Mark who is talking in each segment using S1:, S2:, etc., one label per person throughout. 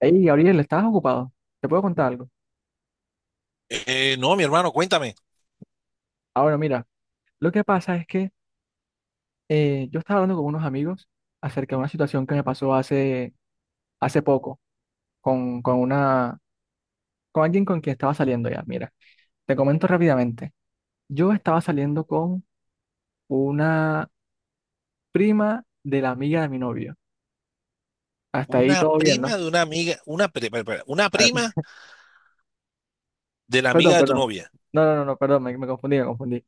S1: Hey, Gabriel, ¿estabas ocupado? ¿Te puedo contar algo?
S2: No, mi hermano, cuéntame.
S1: Ahora, mira, lo que pasa es que yo estaba hablando con unos amigos acerca de una situación que me pasó hace poco con, con una, con alguien con quien estaba saliendo ya. Mira, te comento rápidamente. Yo estaba saliendo con una prima de la amiga de mi novio. Hasta ahí
S2: Una
S1: todo bien, ¿no?
S2: prima de una amiga, espera, espera, una
S1: Ah,
S2: prima de la
S1: perdón,
S2: amiga de tu
S1: perdón.
S2: novia,
S1: No, no, no, no, perdón, me confundí, me confundí.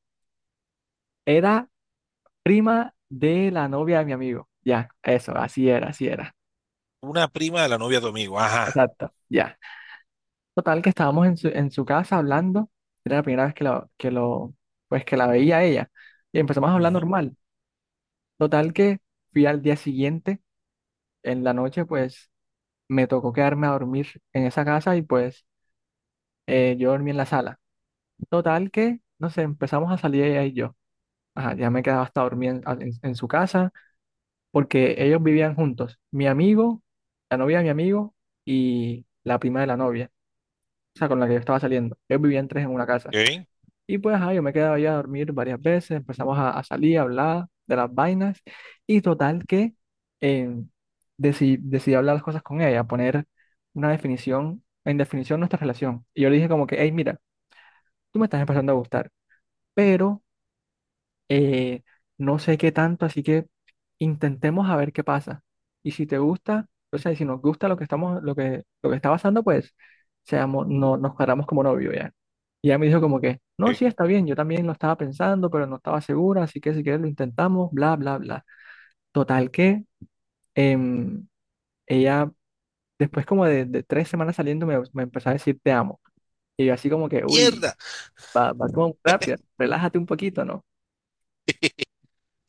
S1: Era prima de la novia de mi amigo. Ya, eso, así era, así era.
S2: una prima de la novia de tu amigo. Ajá.
S1: Exacto, ya. Total, que estábamos en su casa hablando. Era la primera vez que pues que la veía a ella. Y empezamos a hablar
S2: Ujú.
S1: normal. Total que fui al día siguiente, en la noche, pues me tocó quedarme a dormir en esa casa y pues yo dormí en la sala. Total que, no sé, empezamos a salir ella y yo. Ajá, ya me quedaba hasta dormir en su casa porque ellos vivían juntos. Mi amigo, la novia de mi amigo y la prima de la novia, o sea, con la que yo estaba saliendo. Ellos vivían tres en una casa.
S2: Ok,
S1: Y pues ahí yo me quedaba allá a dormir varias veces, empezamos a salir, a hablar de las vainas y total que eh, decidí hablar las cosas con ella, poner en definición nuestra relación. Y yo le dije como que, hey, mira, tú me estás empezando a gustar, pero eh, no sé qué tanto, así que intentemos a ver qué pasa. Y si te gusta, o sea, y si nos gusta lo que estamos, lo que está pasando, pues seamos, no, nos cuadramos como novio ya. Y ella me dijo como que, no,
S2: ok.
S1: sí, está bien, yo también lo estaba pensando, pero no estaba segura, así que si quieres lo intentamos, bla, bla, bla. Total que em, ella, después como de 3 semanas saliendo, me empezó a decir te amo. Y yo así como que, uy,
S2: Mierda.
S1: va como rápido, relájate un poquito, ¿no?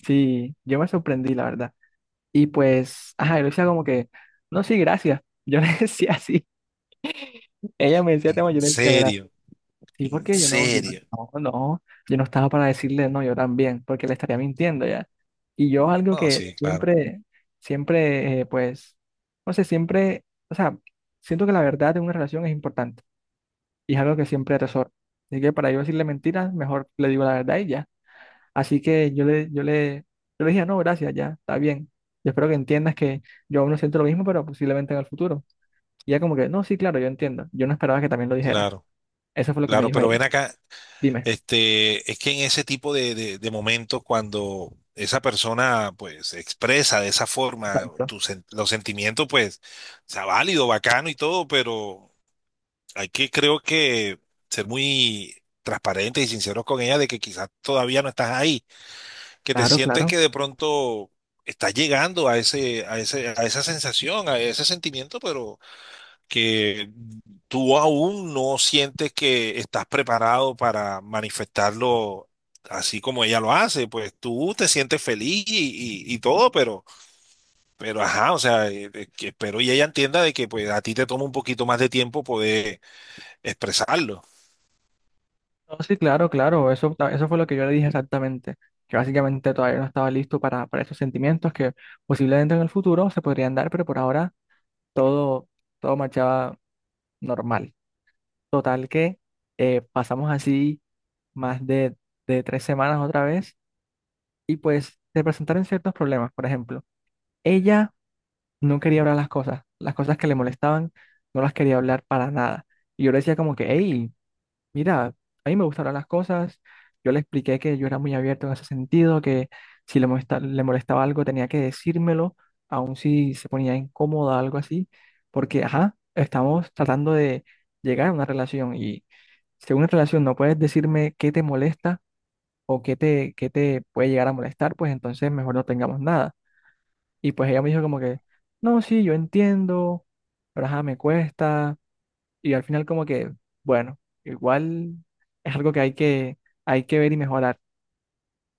S1: Sí, yo me sorprendí, la verdad. Y pues, ajá, yo le decía como que, no, sí, gracias. Yo le decía así. Ella me decía
S2: En
S1: tema, yo le decía gracias.
S2: serio,
S1: Sí,
S2: en
S1: porque yo no, yo
S2: serio.
S1: no, no, no, yo no estaba para decirle no, yo también, porque le estaría mintiendo ya. Y yo algo
S2: Bueno,
S1: que
S2: sí, claro,
S1: siempre, pues, no sé, siempre, o sea, siento que la verdad en una relación es importante y es algo que siempre atesoro. Así que para yo decirle mentiras, mejor le digo la verdad y ya. Así que yo le dije, no, gracias, ya, está bien. Yo espero que entiendas que yo aún no siento lo mismo, pero posiblemente en el futuro. Y ella como que, no, sí, claro, yo entiendo. Yo no esperaba que también lo dijera.
S2: claro,
S1: Eso fue lo que me
S2: claro,
S1: dijo
S2: pero
S1: ella.
S2: ven acá.
S1: Dime.
S2: Este, es que en ese tipo de momentos, cuando esa persona, pues, expresa de esa forma
S1: Exacto.
S2: los sentimientos, pues, está válido, bacano y todo, pero hay que, creo que, ser muy transparentes y sinceros con ella de que quizás todavía no estás ahí, que te
S1: Claro,
S2: sientes
S1: claro.
S2: que de pronto estás llegando a ese, a esa sensación, a ese sentimiento, pero que tú aún no sientes que estás preparado para manifestarlo así como ella lo hace, pues tú te sientes feliz y todo, pero ajá, o sea, que espero y ella entienda de que pues a ti te toma un poquito más de tiempo poder expresarlo.
S1: No, sí, claro, claro. Eso fue lo que yo le dije exactamente. Que básicamente todavía no estaba listo para esos sentimientos que posiblemente en el futuro se podrían dar, pero por ahora todo, todo marchaba normal. Total que pasamos así más de 3 semanas otra vez y pues se presentaron ciertos problemas. Por ejemplo, ella no quería hablar las cosas que le molestaban, no las quería hablar para nada. Y yo le decía como que, hey, mira, a mí me gusta hablar las cosas. Yo le expliqué que yo era muy abierto en ese sentido, que si le molestaba algo tenía que decírmelo, aun si se ponía incómoda, algo así, porque, ajá, estamos tratando de llegar a una relación y si en una relación no puedes decirme qué te molesta, o qué te puede llegar a molestar, pues entonces mejor no tengamos nada. Y pues ella me dijo como que, no, sí, yo entiendo, pero ajá, me cuesta. Y al final como que, bueno, igual es algo que hay que ver y mejorar.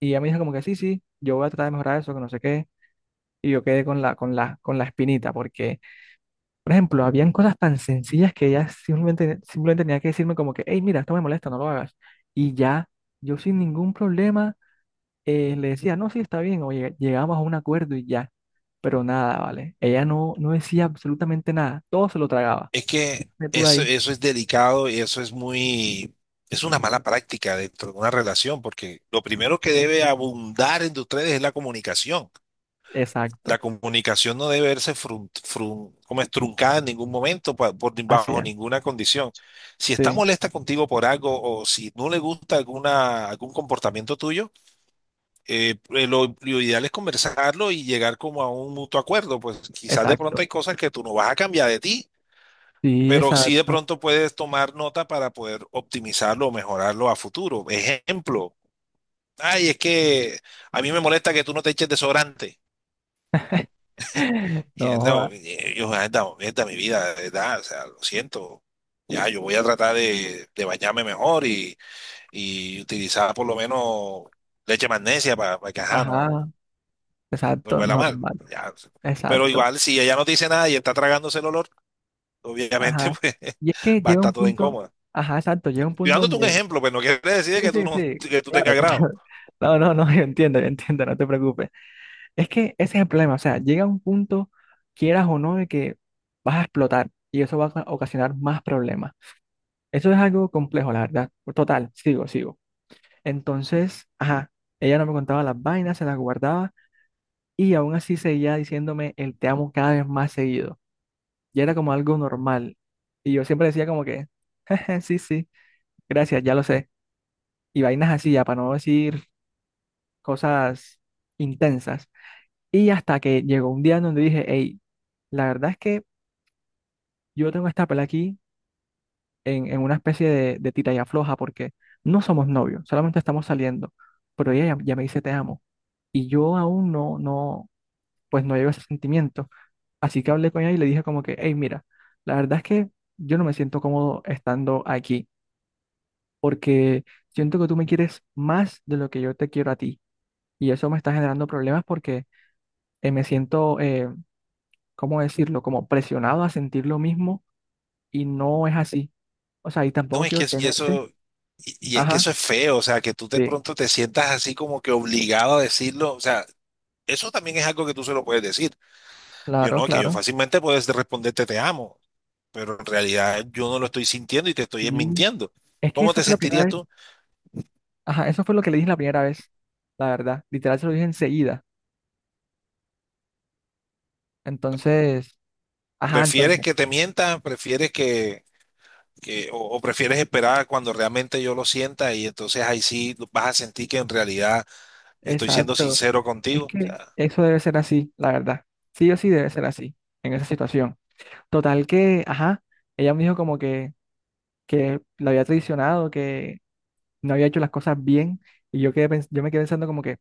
S1: Y ella me dijo como que, sí, sí, yo voy a tratar de mejorar eso, que no sé qué. Y yo quedé con la espinita, porque, por ejemplo, habían cosas tan sencillas que ella simplemente, simplemente tenía que decirme como que, hey, mira, esto me molesta, no lo hagas. Y ya, yo sin ningún problema le decía, no, sí, está bien, oye, llegamos a un acuerdo y ya. Pero nada, ¿vale? Ella no decía absolutamente nada, todo se lo tragaba.
S2: Es que
S1: De tú de
S2: eso,
S1: ahí.
S2: eso es delicado y eso es muy, es una mala práctica dentro de una relación, porque lo primero que debe abundar entre ustedes es la comunicación.
S1: Exacto,
S2: La comunicación no debe verse como es truncada en ningún momento, por,
S1: así
S2: bajo
S1: es,
S2: ninguna condición. Si está
S1: sí,
S2: molesta contigo por algo o si no le gusta alguna, algún comportamiento tuyo, lo ideal es conversarlo y llegar como a un mutuo acuerdo. Pues quizás de
S1: exacto,
S2: pronto hay cosas que tú no vas a cambiar de ti,
S1: sí,
S2: pero sí de
S1: exacto.
S2: pronto puedes tomar nota para poder optimizarlo o mejorarlo a futuro. Ejemplo, ay, es que a mí me molesta que tú no te eches desodorante. Y
S1: No,
S2: es, no,
S1: joda.
S2: y yo, anda, esta es mi vida, ¿de verdad? O sea, lo siento. Ya, yo voy a tratar de bañarme mejor y utilizar por lo menos leche magnesia para, que, ajá, no,
S1: Ajá,
S2: no, no
S1: exacto,
S2: huela mal.
S1: normal,
S2: Ya. Pero
S1: exacto,
S2: igual, si ella no te dice nada y está tragándose el olor, obviamente,
S1: ajá.
S2: pues
S1: Y es que
S2: va a
S1: llega
S2: estar
S1: un
S2: todo
S1: punto,
S2: incómoda.
S1: ajá, exacto, llega un
S2: Estoy
S1: punto
S2: dándote un
S1: donde,
S2: ejemplo, pero no quiere decir
S1: sí,
S2: que
S1: sí,
S2: tú no,
S1: sí,
S2: que tú tengas
S1: claro, claro.
S2: grado.
S1: No, no, no, yo entiendo, no te preocupes. Es que ese es el problema, o sea, llega un punto, quieras o no, de que vas a explotar y eso va a ocasionar más problemas. Eso es algo complejo, la verdad. Total, sigo, sigo. Entonces, ajá, ella no me contaba las vainas, se las guardaba y aún así seguía diciéndome el te amo cada vez más seguido. Y era como algo normal. Y yo siempre decía como que, sí, sí, gracias, ya lo sé. Y vainas así, ya para no decir cosas intensas. Y hasta que llegó un día en donde dije, hey, la verdad es que yo tengo esta pelea aquí en una especie de tira y afloja porque no somos novios, solamente estamos saliendo, pero ella ya me dice te amo y yo aún pues no llevo ese sentimiento. Así que hablé con ella y le dije como que, hey, mira, la verdad es que yo no me siento cómodo estando aquí porque siento que tú me quieres más de lo que yo te quiero a ti y eso me está generando problemas porque me siento, ¿cómo decirlo? Como presionado a sentir lo mismo y no es así. O sea, y tampoco
S2: No, es
S1: quiero
S2: que si
S1: tenerte.
S2: eso, es que
S1: Ajá.
S2: eso es feo, o sea, que tú de
S1: Sí,
S2: pronto te sientas así como que obligado a decirlo, o sea, eso también es algo que tú se lo puedes decir. Yo
S1: claro,
S2: no, que yo
S1: claro.
S2: fácilmente puedes responderte te amo, pero en realidad yo no lo estoy sintiendo y te estoy
S1: Sí.
S2: mintiendo.
S1: Es que
S2: ¿Cómo
S1: eso
S2: te
S1: fue la primera
S2: sentirías
S1: vez.
S2: tú?
S1: Ajá, eso fue lo que le dije la primera vez, la verdad. Literal se lo dije enseguida. Entonces, ajá,
S2: ¿Prefieres
S1: entonces,
S2: que te mientan? O prefieres esperar cuando realmente yo lo sienta y entonces ahí sí vas a sentir que en realidad estoy siendo
S1: exacto.
S2: sincero
S1: Es
S2: contigo. O
S1: que
S2: sea,
S1: eso debe ser así, la verdad. Sí o sí debe ser así, en esa situación. Total que, ajá, ella me dijo como que, la había traicionado, que no había hecho las cosas bien y yo me quedé pensando como que,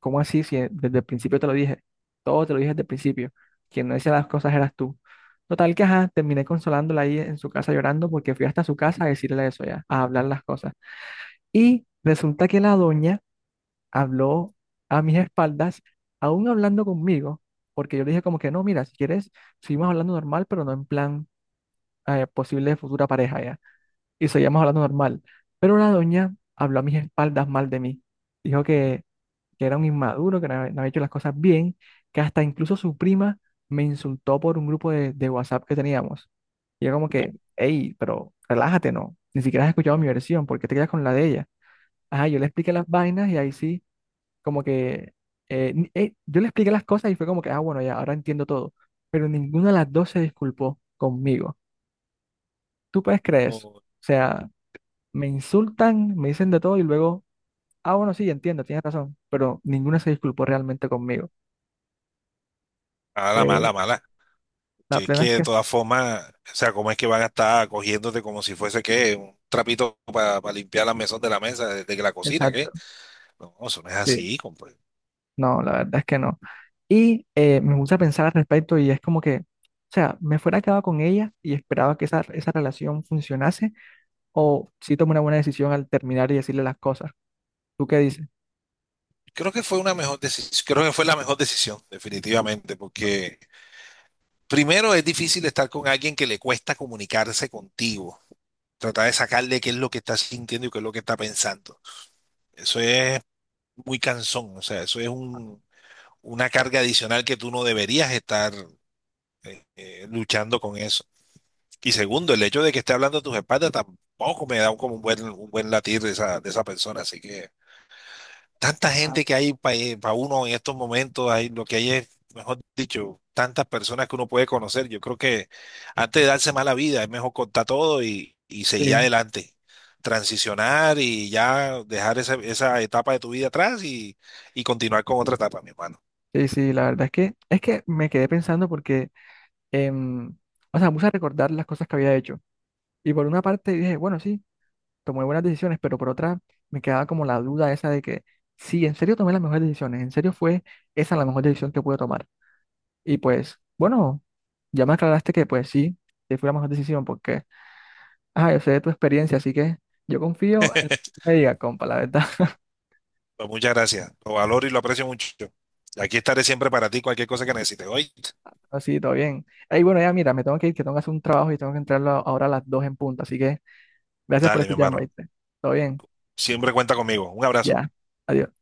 S1: ¿cómo así? Si desde el principio te lo dije, todo te lo dije desde el principio, quien no decía las cosas eras tú. Total que, ajá, terminé consolándola ahí en su casa llorando porque fui hasta su casa a decirle eso ya, a hablar las cosas. Y resulta que la doña habló a mis espaldas, aún hablando conmigo, porque yo le dije como que no, mira, si quieres, seguimos hablando normal, pero no en plan posible futura pareja ya y seguíamos hablando normal. Pero la doña habló a mis espaldas mal de mí. Dijo que era un inmaduro, que no había hecho las cosas bien, que hasta incluso su prima me insultó por un grupo de WhatsApp que teníamos. Y yo como que, hey, pero relájate, ¿no? Ni siquiera has escuchado mi versión, ¿por qué te quedas con la de ella? Ajá, yo le expliqué las vainas y ahí sí, como que, yo le expliqué las cosas y fue como que, ah, bueno, ya, ahora entiendo todo. Pero ninguna de las dos se disculpó conmigo. ¿Tú puedes creer eso?
S2: o-
S1: O sea, me insultan, me dicen de todo y luego, ah, bueno, sí, entiendo, tienes razón, pero ninguna se disculpó realmente conmigo.
S2: Mala,
S1: Fue
S2: mala, mala.
S1: la
S2: Que es
S1: plena es
S2: que de
S1: que,
S2: todas formas, o sea, ¿cómo es que van a estar cogiéndote como si fuese que un trapito para limpiar la mesón de la mesa desde que la cocina,
S1: exacto,
S2: ¿qué? No, eso no es
S1: sí,
S2: así, compadre.
S1: no, la verdad es que no. Y me gusta pensar al respecto y es como que, o sea, me fuera quedado con ella y esperaba que esa relación funcionase o si tomé una buena decisión al terminar y decirle las cosas. ¿Tú qué dices?
S2: Creo que fue una mejor decisión, creo que fue la mejor decisión, definitivamente, porque primero es difícil estar con alguien que le cuesta comunicarse contigo. Tratar de sacarle qué es lo que está sintiendo y qué es lo que está pensando. Eso es muy cansón, o sea, eso es un, una carga adicional que tú no deberías estar luchando con eso. Y segundo, el hecho de que esté hablando a tus espaldas tampoco me da un- como un buen latir de esa persona, así que tanta
S1: Ah,
S2: gente que hay para uno en estos momentos, hay, lo que hay es, mejor dicho, tantas personas que uno puede conocer. Yo creo que antes de darse mala vida, es mejor contar todo y seguir
S1: sí,
S2: adelante, transicionar y ya dejar esa, esa etapa de tu vida atrás y continuar con otra etapa, mi hermano.
S1: sí, sí, la verdad es que, me quedé pensando porque, em, o sea, me puse a recordar las cosas que había hecho. Y por una parte dije, bueno, sí, tomé buenas decisiones, pero por otra me quedaba como la duda esa de que sí, en serio tomé las mejores decisiones, en serio fue esa la mejor decisión que pude tomar. Y pues, bueno, ya me aclaraste que pues sí, que fue la mejor decisión porque, ah, yo sé de tu experiencia, así que yo confío en lo que tú me diga, compa, la verdad.
S2: Pues muchas gracias. Lo valoro y lo aprecio mucho. Aquí estaré siempre para ti, cualquier cosa que necesites. Oye,
S1: Así, todo bien. Ahí, bueno, ya mira, me tengo que ir, que tengo que hacer un trabajo y tengo que entrarlo ahora a las 2 en punto, así que gracias por
S2: dale, mi
S1: escucharme,
S2: hermano.
S1: ¿viste? Todo bien,
S2: Siempre cuenta conmigo. Un abrazo.
S1: ya, adiós.